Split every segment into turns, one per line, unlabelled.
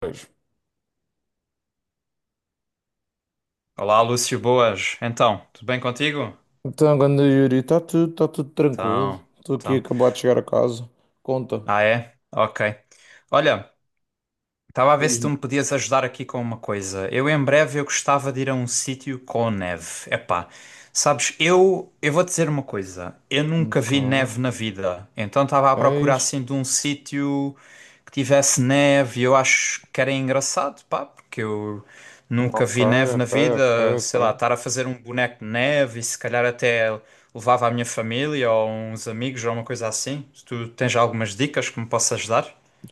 Pois.
Olá, Lúcio, boas. Então, tudo bem contigo?
Então, ganda Yuri, está tudo, tá tudo tranquilo.
Então,
Estou aqui a
então.
acabar de chegar a casa. Conta.
Ah, é? Ok. Olha, estava a ver se tu
Diz-me.
me podias ajudar aqui com uma coisa. Eu em breve eu gostava de ir a um sítio com neve. Epá, sabes, eu vou dizer uma coisa. Eu nunca
Ok.
vi neve na vida. Então estava a
É
procurar
isto.
assim de um sítio que tivesse neve. Eu acho que era engraçado, pá, porque eu nunca
Ok,
vi neve na
ok, ok,
vida.
ok.
Sei lá, estar a fazer um boneco de neve e se calhar até levava a minha família ou uns amigos ou uma coisa assim. Se tu tens algumas dicas que me possas dar?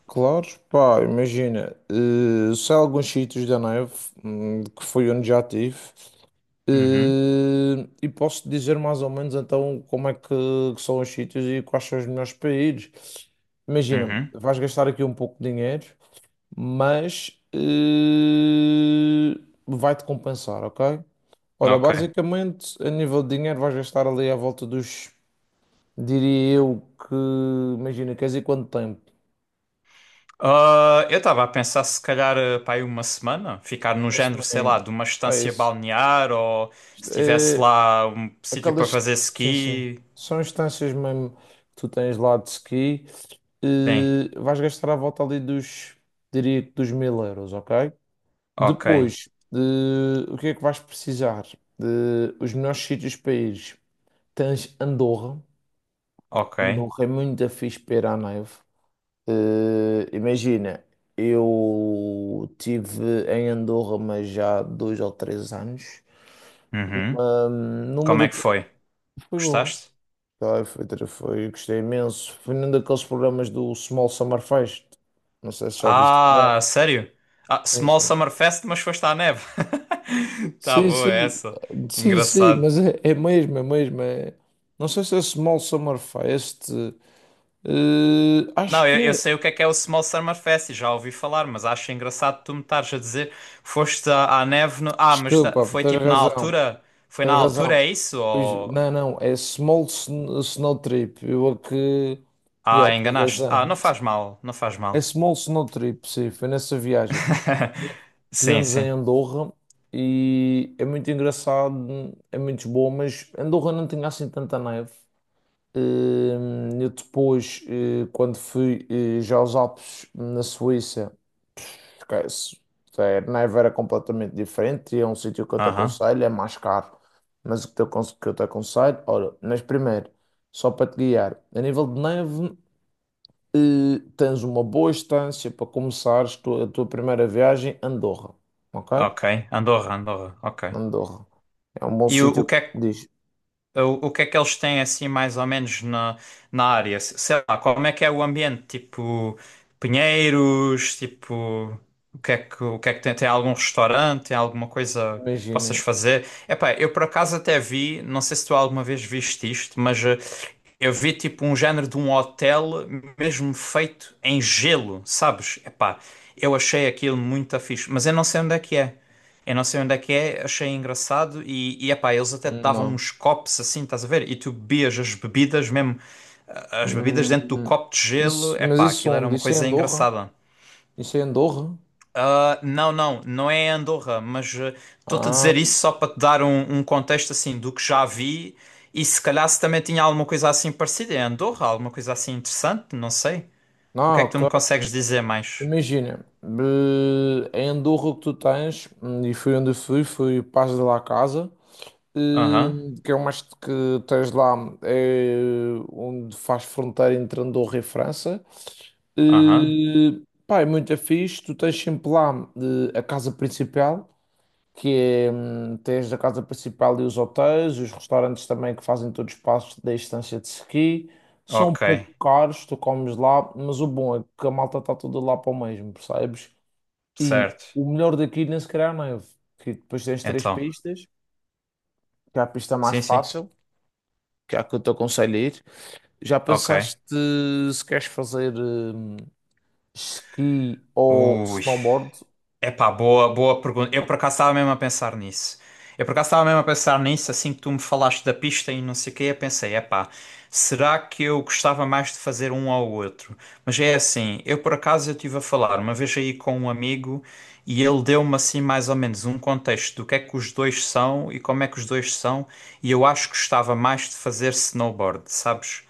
Claro, pá, imagina. Sei alguns sítios da neve, que foi onde já estive.
Uhum,
E posso dizer mais ou menos então que são os sítios e quais são os melhores para ir. Imagina,
uhum.
vais gastar aqui um pouco de dinheiro, mas vai-te compensar, ok? Olha,
Ok.
basicamente, a nível de dinheiro, vais gastar ali à volta dos, diria eu, que, imagina, queres ir quanto tempo?
Ah, eu estava a pensar se calhar para aí uma semana, ficar no
Uma
género, sei lá,
semaninha.
de uma
É
estância
isso.
balnear ou
Isto
se tivesse
é,
lá um sítio para
aquelas,
fazer
sim, sim,
ski.
são instâncias mesmo que tu tens lá de ski,
Sim.
vais gastar à volta ali dos, diria que dos 1000 euros, ok?
Ok.
Depois, o que é que vais precisar? De, os melhores sítios para ir. Tens Andorra.
Ok.
Andorra é muito fixe para ir à neve. Imagina, eu tive em Andorra, mas já há dois ou três anos.
Uhum.
Numa
Como
da...
é que foi?
Foi bom.
Gostaste?
Tá, foi, foi, gostei imenso. Foi num daqueles programas do Small Summer Fest. Não sei se já ouviste
Ah,
falar.
sério? Ah,
Sim,
Small
sim.
Summer Fest, mas foste à neve. Tá
Sim,
boa
sim,
essa.
sim, sim,
Engraçado.
mas é, é mesmo, é mesmo. Não sei se é Small Summer Fest. Acho
Não,
que
eu
é.
sei o que é o Small Summer Fest, e já ouvi falar, mas acho engraçado tu me estares a dizer foste à, à neve no... Ah, mas
Desculpa, pá,
foi
tens
tipo na
razão,
altura? Foi na
tens
altura,
razão.
é isso?
Pois,
Ou...
não, não, é Snow Trip. Eu a que.
Ah,
Yeah, tens
enganaste. Ah,
razão.
não faz mal, não faz
É
mal.
Small Snow Trip, sim, foi nessa viagem.
Sim,
Estivemos
sim.
em Andorra e é muito engraçado, é muito bom, mas Andorra não tinha assim tanta neve. Eu depois, quando fui já aos Alpes na Suíça. Porque se- se- Neve era completamente diferente e é um sítio que eu te
Aham,
aconselho, é mais caro. Mas o que te que eu te aconselho, olha, mas primeiro, só para te guiar, a nível de neve, tens uma boa estância para a tua primeira viagem, Andorra, ok?
ok. Andorra, Andorra, ok.
Andorra. É um bom
E o,
sítio,
o que é que
diz.
O que é que eles têm assim mais ou menos na, na área? Sei lá, como é que é o ambiente? Tipo, pinheiros, tipo, o que é que tem? Tem algum restaurante? Tem alguma coisa que possas
Imagina,
fazer? Epá, eu por acaso até vi, não sei se tu alguma vez viste isto, mas eu vi tipo um género de um hotel mesmo feito em gelo, sabes? Epá, eu achei aquilo muito fixe, mas eu não sei onde é que é. Eu não sei onde é que é, achei engraçado e epá, eles até te davam
não.
uns copos assim, estás a ver? E tu bebias as bebidas mesmo, ah, as bebidas
Hum,
dentro do copo de gelo,
mas
epá,
isso
aquilo era
onde?
uma
Isso é
coisa
Andorra?
engraçada.
Isso é Andorra?
Ah, não, não, não é Andorra, mas ah, estou-te a dizer
Ah,
isso só para te dar um contexto assim do que já vi e se calhar se também tinha alguma coisa assim parecida em Andorra, alguma coisa assim interessante, não sei. O que é
não,
que tu me
ok.
consegues dizer mais?
Imagina, em Andorra o que tu tens, e fui onde fui, fui Paz de la Casa,
Aham,
eh, que é uma que tens lá, é onde faz fronteira entre Andorra e França.
aham,
Eh, Pá, é muito fixe, tu tens sempre lá a casa principal, que é, tens a casa principal e os hotéis, os restaurantes também que fazem todos os passos da estância de ski. São um
ok,
pouco caros, tu comes lá, mas o bom é que a malta está toda lá para o mesmo, percebes? E
certo.
o melhor daqui, nem se calhar, não é? Que depois tens três
Então,
pistas, que é a pista mais
sim, sim,
fácil, que é a que eu te aconselho a ir. Já pensaste
ok.
se queres fazer esqui ou
Ui,
snowboard?
epá, boa pergunta. Eu por acaso estava mesmo a pensar nisso. Eu por acaso estava mesmo a pensar nisso, assim que tu me falaste da pista e não sei o quê, eu pensei, epá, será que eu gostava mais de fazer um ao outro? Mas é assim, eu por acaso eu estive a falar uma vez aí com um amigo e ele deu-me assim mais ou menos um contexto do que é que os dois são e como é que os dois são, e eu acho que gostava mais de fazer snowboard, sabes?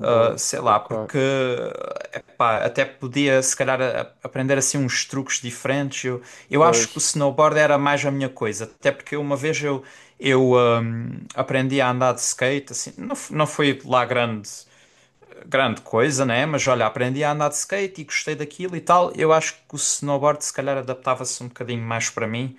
Sei lá,
ok.
porque epá, até podia se calhar aprender assim uns truques diferentes. Eu acho que o
Pois,
snowboard era mais a minha coisa, até porque uma vez aprendi a andar de skate, assim, não, não foi lá grande coisa, né? Mas olha, aprendi a andar de skate e gostei daquilo e tal. Eu acho que o snowboard se calhar adaptava-se um bocadinho mais para mim.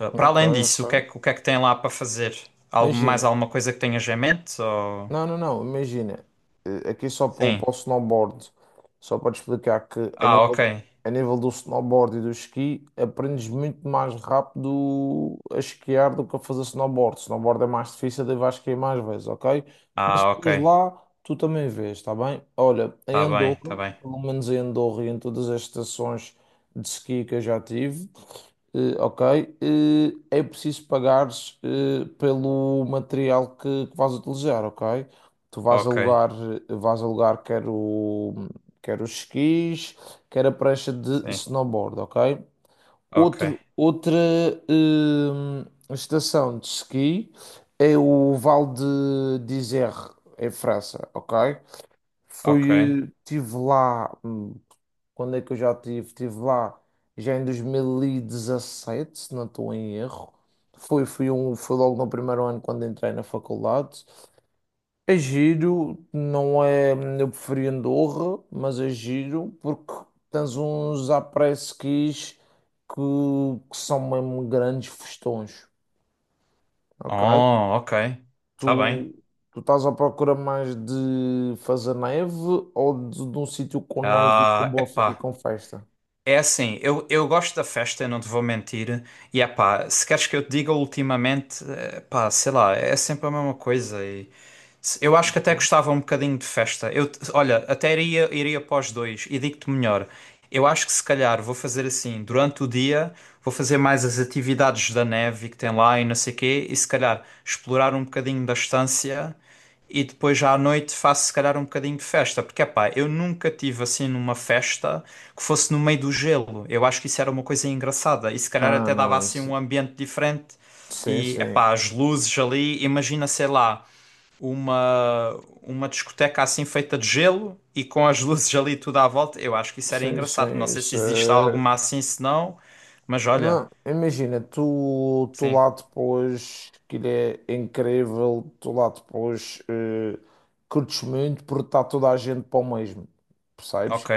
Para
ok,
além disso,
ok.
o que é que tem lá para fazer? Algo, mais
Imagina.
alguma coisa que tenhas em mente? Ou...
Não, não, não, imagina, aqui só para, o
Sim.
para o snowboard, só para te explicar que a
Ah,
nível,
ok.
a nível do snowboard e do esqui, aprendes muito mais rápido a esquiar do que a fazer snowboard. Snowboard é mais difícil, daí vais esquiar mais vezes, ok? Mas
Ah, ok.
depois lá, tu também vês, está bem? Olha, em
Tá bem, tá
Andorra,
bem.
pelo menos em Andorra e em todas as estações de esqui que eu já tive, ok. Eh, É preciso pagares pelo material que vais utilizar, ok? Tu
Ok.
vais alugar quer os esquis, quer a prancha de
Sim.
snowboard, ok?
Ok.
Outro, outra estação de esqui é o Val de d'Isère, em França, ok?
Ok.
Fui, tive lá quando é que eu já estive? Estive lá já em 2017, se não estou em erro. Foi, foi um, foi logo no primeiro ano quando entrei na faculdade. É giro, não é. Eu preferi Andorra, mas é giro porque tens uns après-skis que, que são mesmo grandes festões, ok?
Oh, ok.
Tu,
Tá bem.
tu estás à procura mais de fazer neve ou de um sítio com neve e com,
Ah,
e
epá.
com festa?
É assim, eu gosto da festa, eu não te vou mentir. E epá, se queres que eu te diga ultimamente, pá, sei lá, é sempre a mesma coisa. Eu acho que até
Não,
gostava um bocadinho de festa. Olha, até iria para dois e digo-te melhor. Eu acho que se calhar vou fazer assim, durante o dia, vou fazer mais as atividades da neve que tem lá e não sei quê, e se calhar explorar um bocadinho da estância e depois já à noite faço se calhar um bocadinho de festa, porque epá, eu nunca tive assim numa festa que fosse no meio do gelo. Eu acho que isso era uma coisa engraçada e se calhar
não,
até dava
não,
assim
isso.
um ambiente diferente
Sim,
e
sim,
epá, as luzes ali, imagina, sei lá uma, uma discoteca assim feita de gelo e com as luzes ali tudo à volta. Eu acho que isso era
sim,
engraçado. Não
sim,
sei se
isso
existe alguma
é...
assim, se não, mas olha,
Não, imagina, tu
sim,
lá depois, que ele é incrível, tu lá depois curtes muito porque está toda a gente para o mesmo, percebes?
ok.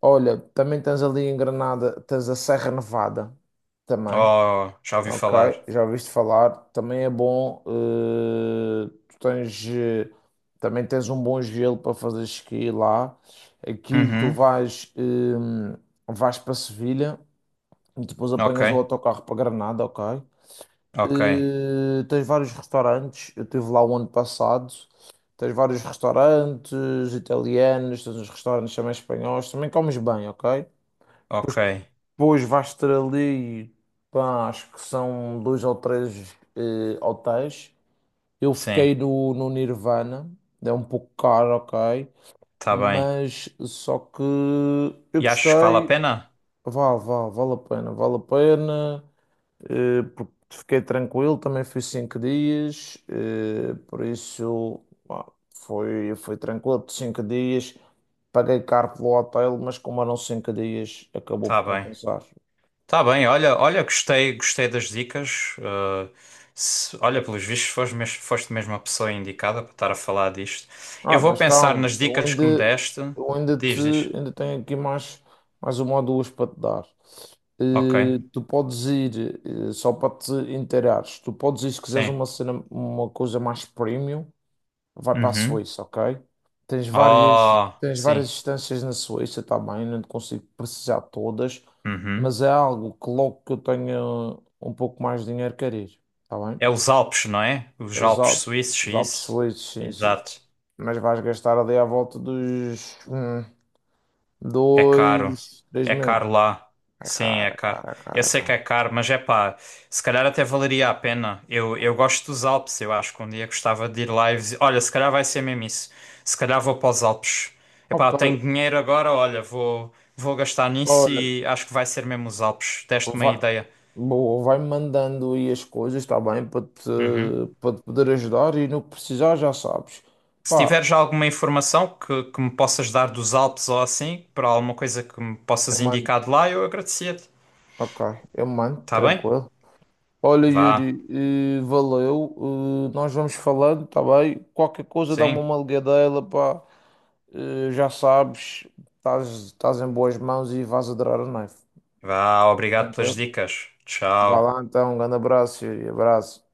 Olha, também tens ali em Granada, tens a Serra Nevada, também.
Oh, já ouvi
Ok,
falar.
já ouviste falar. Também é bom. Tu tens, também tens um bom gelo para fazer esqui lá. Aquilo tu
Uhum,
vais, vais para Sevilha e depois
ok,
apanhas o autocarro para Granada, ok?
ok,
Tens vários restaurantes. Eu estive lá o ano passado. Tens vários restaurantes italianos, tens uns restaurantes também espanhóis. Também comes bem, ok?
ok,
Depois vais ter ali, pá, acho que são dois ou três hotéis. Eu
sim,
fiquei no Nirvana, é um pouco caro, ok,
tá bem.
mas só que eu
E achas que vale a
gostei,
pena?
vale, vale, vale a pena, porque fiquei tranquilo, também fui 5 dias, por isso pá, foi, foi tranquilo, por 5 dias, paguei caro pelo hotel, mas como eram 5 dias, acabou por
Tá bem.
compensar.
Tá bem, olha, olha, gostei, gostei das dicas. Olha, pelos vistos, foste foste mesmo a pessoa indicada para estar a falar disto. Eu
Ah,
vou
mas
pensar
calma,
nas dicas que me deste.
eu ainda te,
Diz, diz.
ainda tenho aqui mais, mais uma ou duas para te dar.
Ok,
Tu podes ir, só para te inteirares, tu podes ir se quiseres
sim.
uma cena, uma coisa mais premium, vai para a
Uhum.
Suíça, ok?
Oh,
Tens várias
sim.
instâncias na Suíça também, não te consigo precisar de todas, mas
Uhum.
é algo que logo que eu tenha um pouco mais de dinheiro quero ir, está bem?
É os Alpes, não é? Os
Os
Alpes
Alpes,
suíços,
os Alpes
isso.
suíços, sim, sim.
Exato.
Mas vais gastar ali à volta dos
É caro.
dois, três
É
mil.
caro lá.
É
Sim,
caro,
é
é
caro.
caro, é
Eu
caro, é
sei que
caro.
é caro, mas é pá, se calhar até valeria a pena. Eu gosto dos Alpes, eu acho que um dia gostava de ir lá e olha, se calhar vai ser mesmo isso. Se calhar vou para os Alpes. É pá,
Ok,
tenho dinheiro agora, olha, vou gastar nisso
olha,
e acho que vai ser mesmo os Alpes. Deste uma
vai,
ideia.
boa, vai mandando aí as coisas, está bem,
Uhum.
para te poder ajudar e no que precisar já sabes.
Se
Pá,
tiveres alguma informação que me possas dar dos Alpes ou assim, para alguma coisa que me
eu
possas
mando,
indicar de lá, eu agradecia-te.
ok, eu mando,
Tá bem?
tranquilo. Olha,
Vá.
Yuri, valeu. Nós vamos falando, tá bem? Qualquer coisa dá-me
Sim.
uma ligadela, pá. Já sabes, estás, estás em boas mãos e vais adorar a Knife.
Vá, obrigado pelas
Tranquilo?
dicas.
Vá
Tchau.
lá então, um grande abraço, Yuri. Abraço.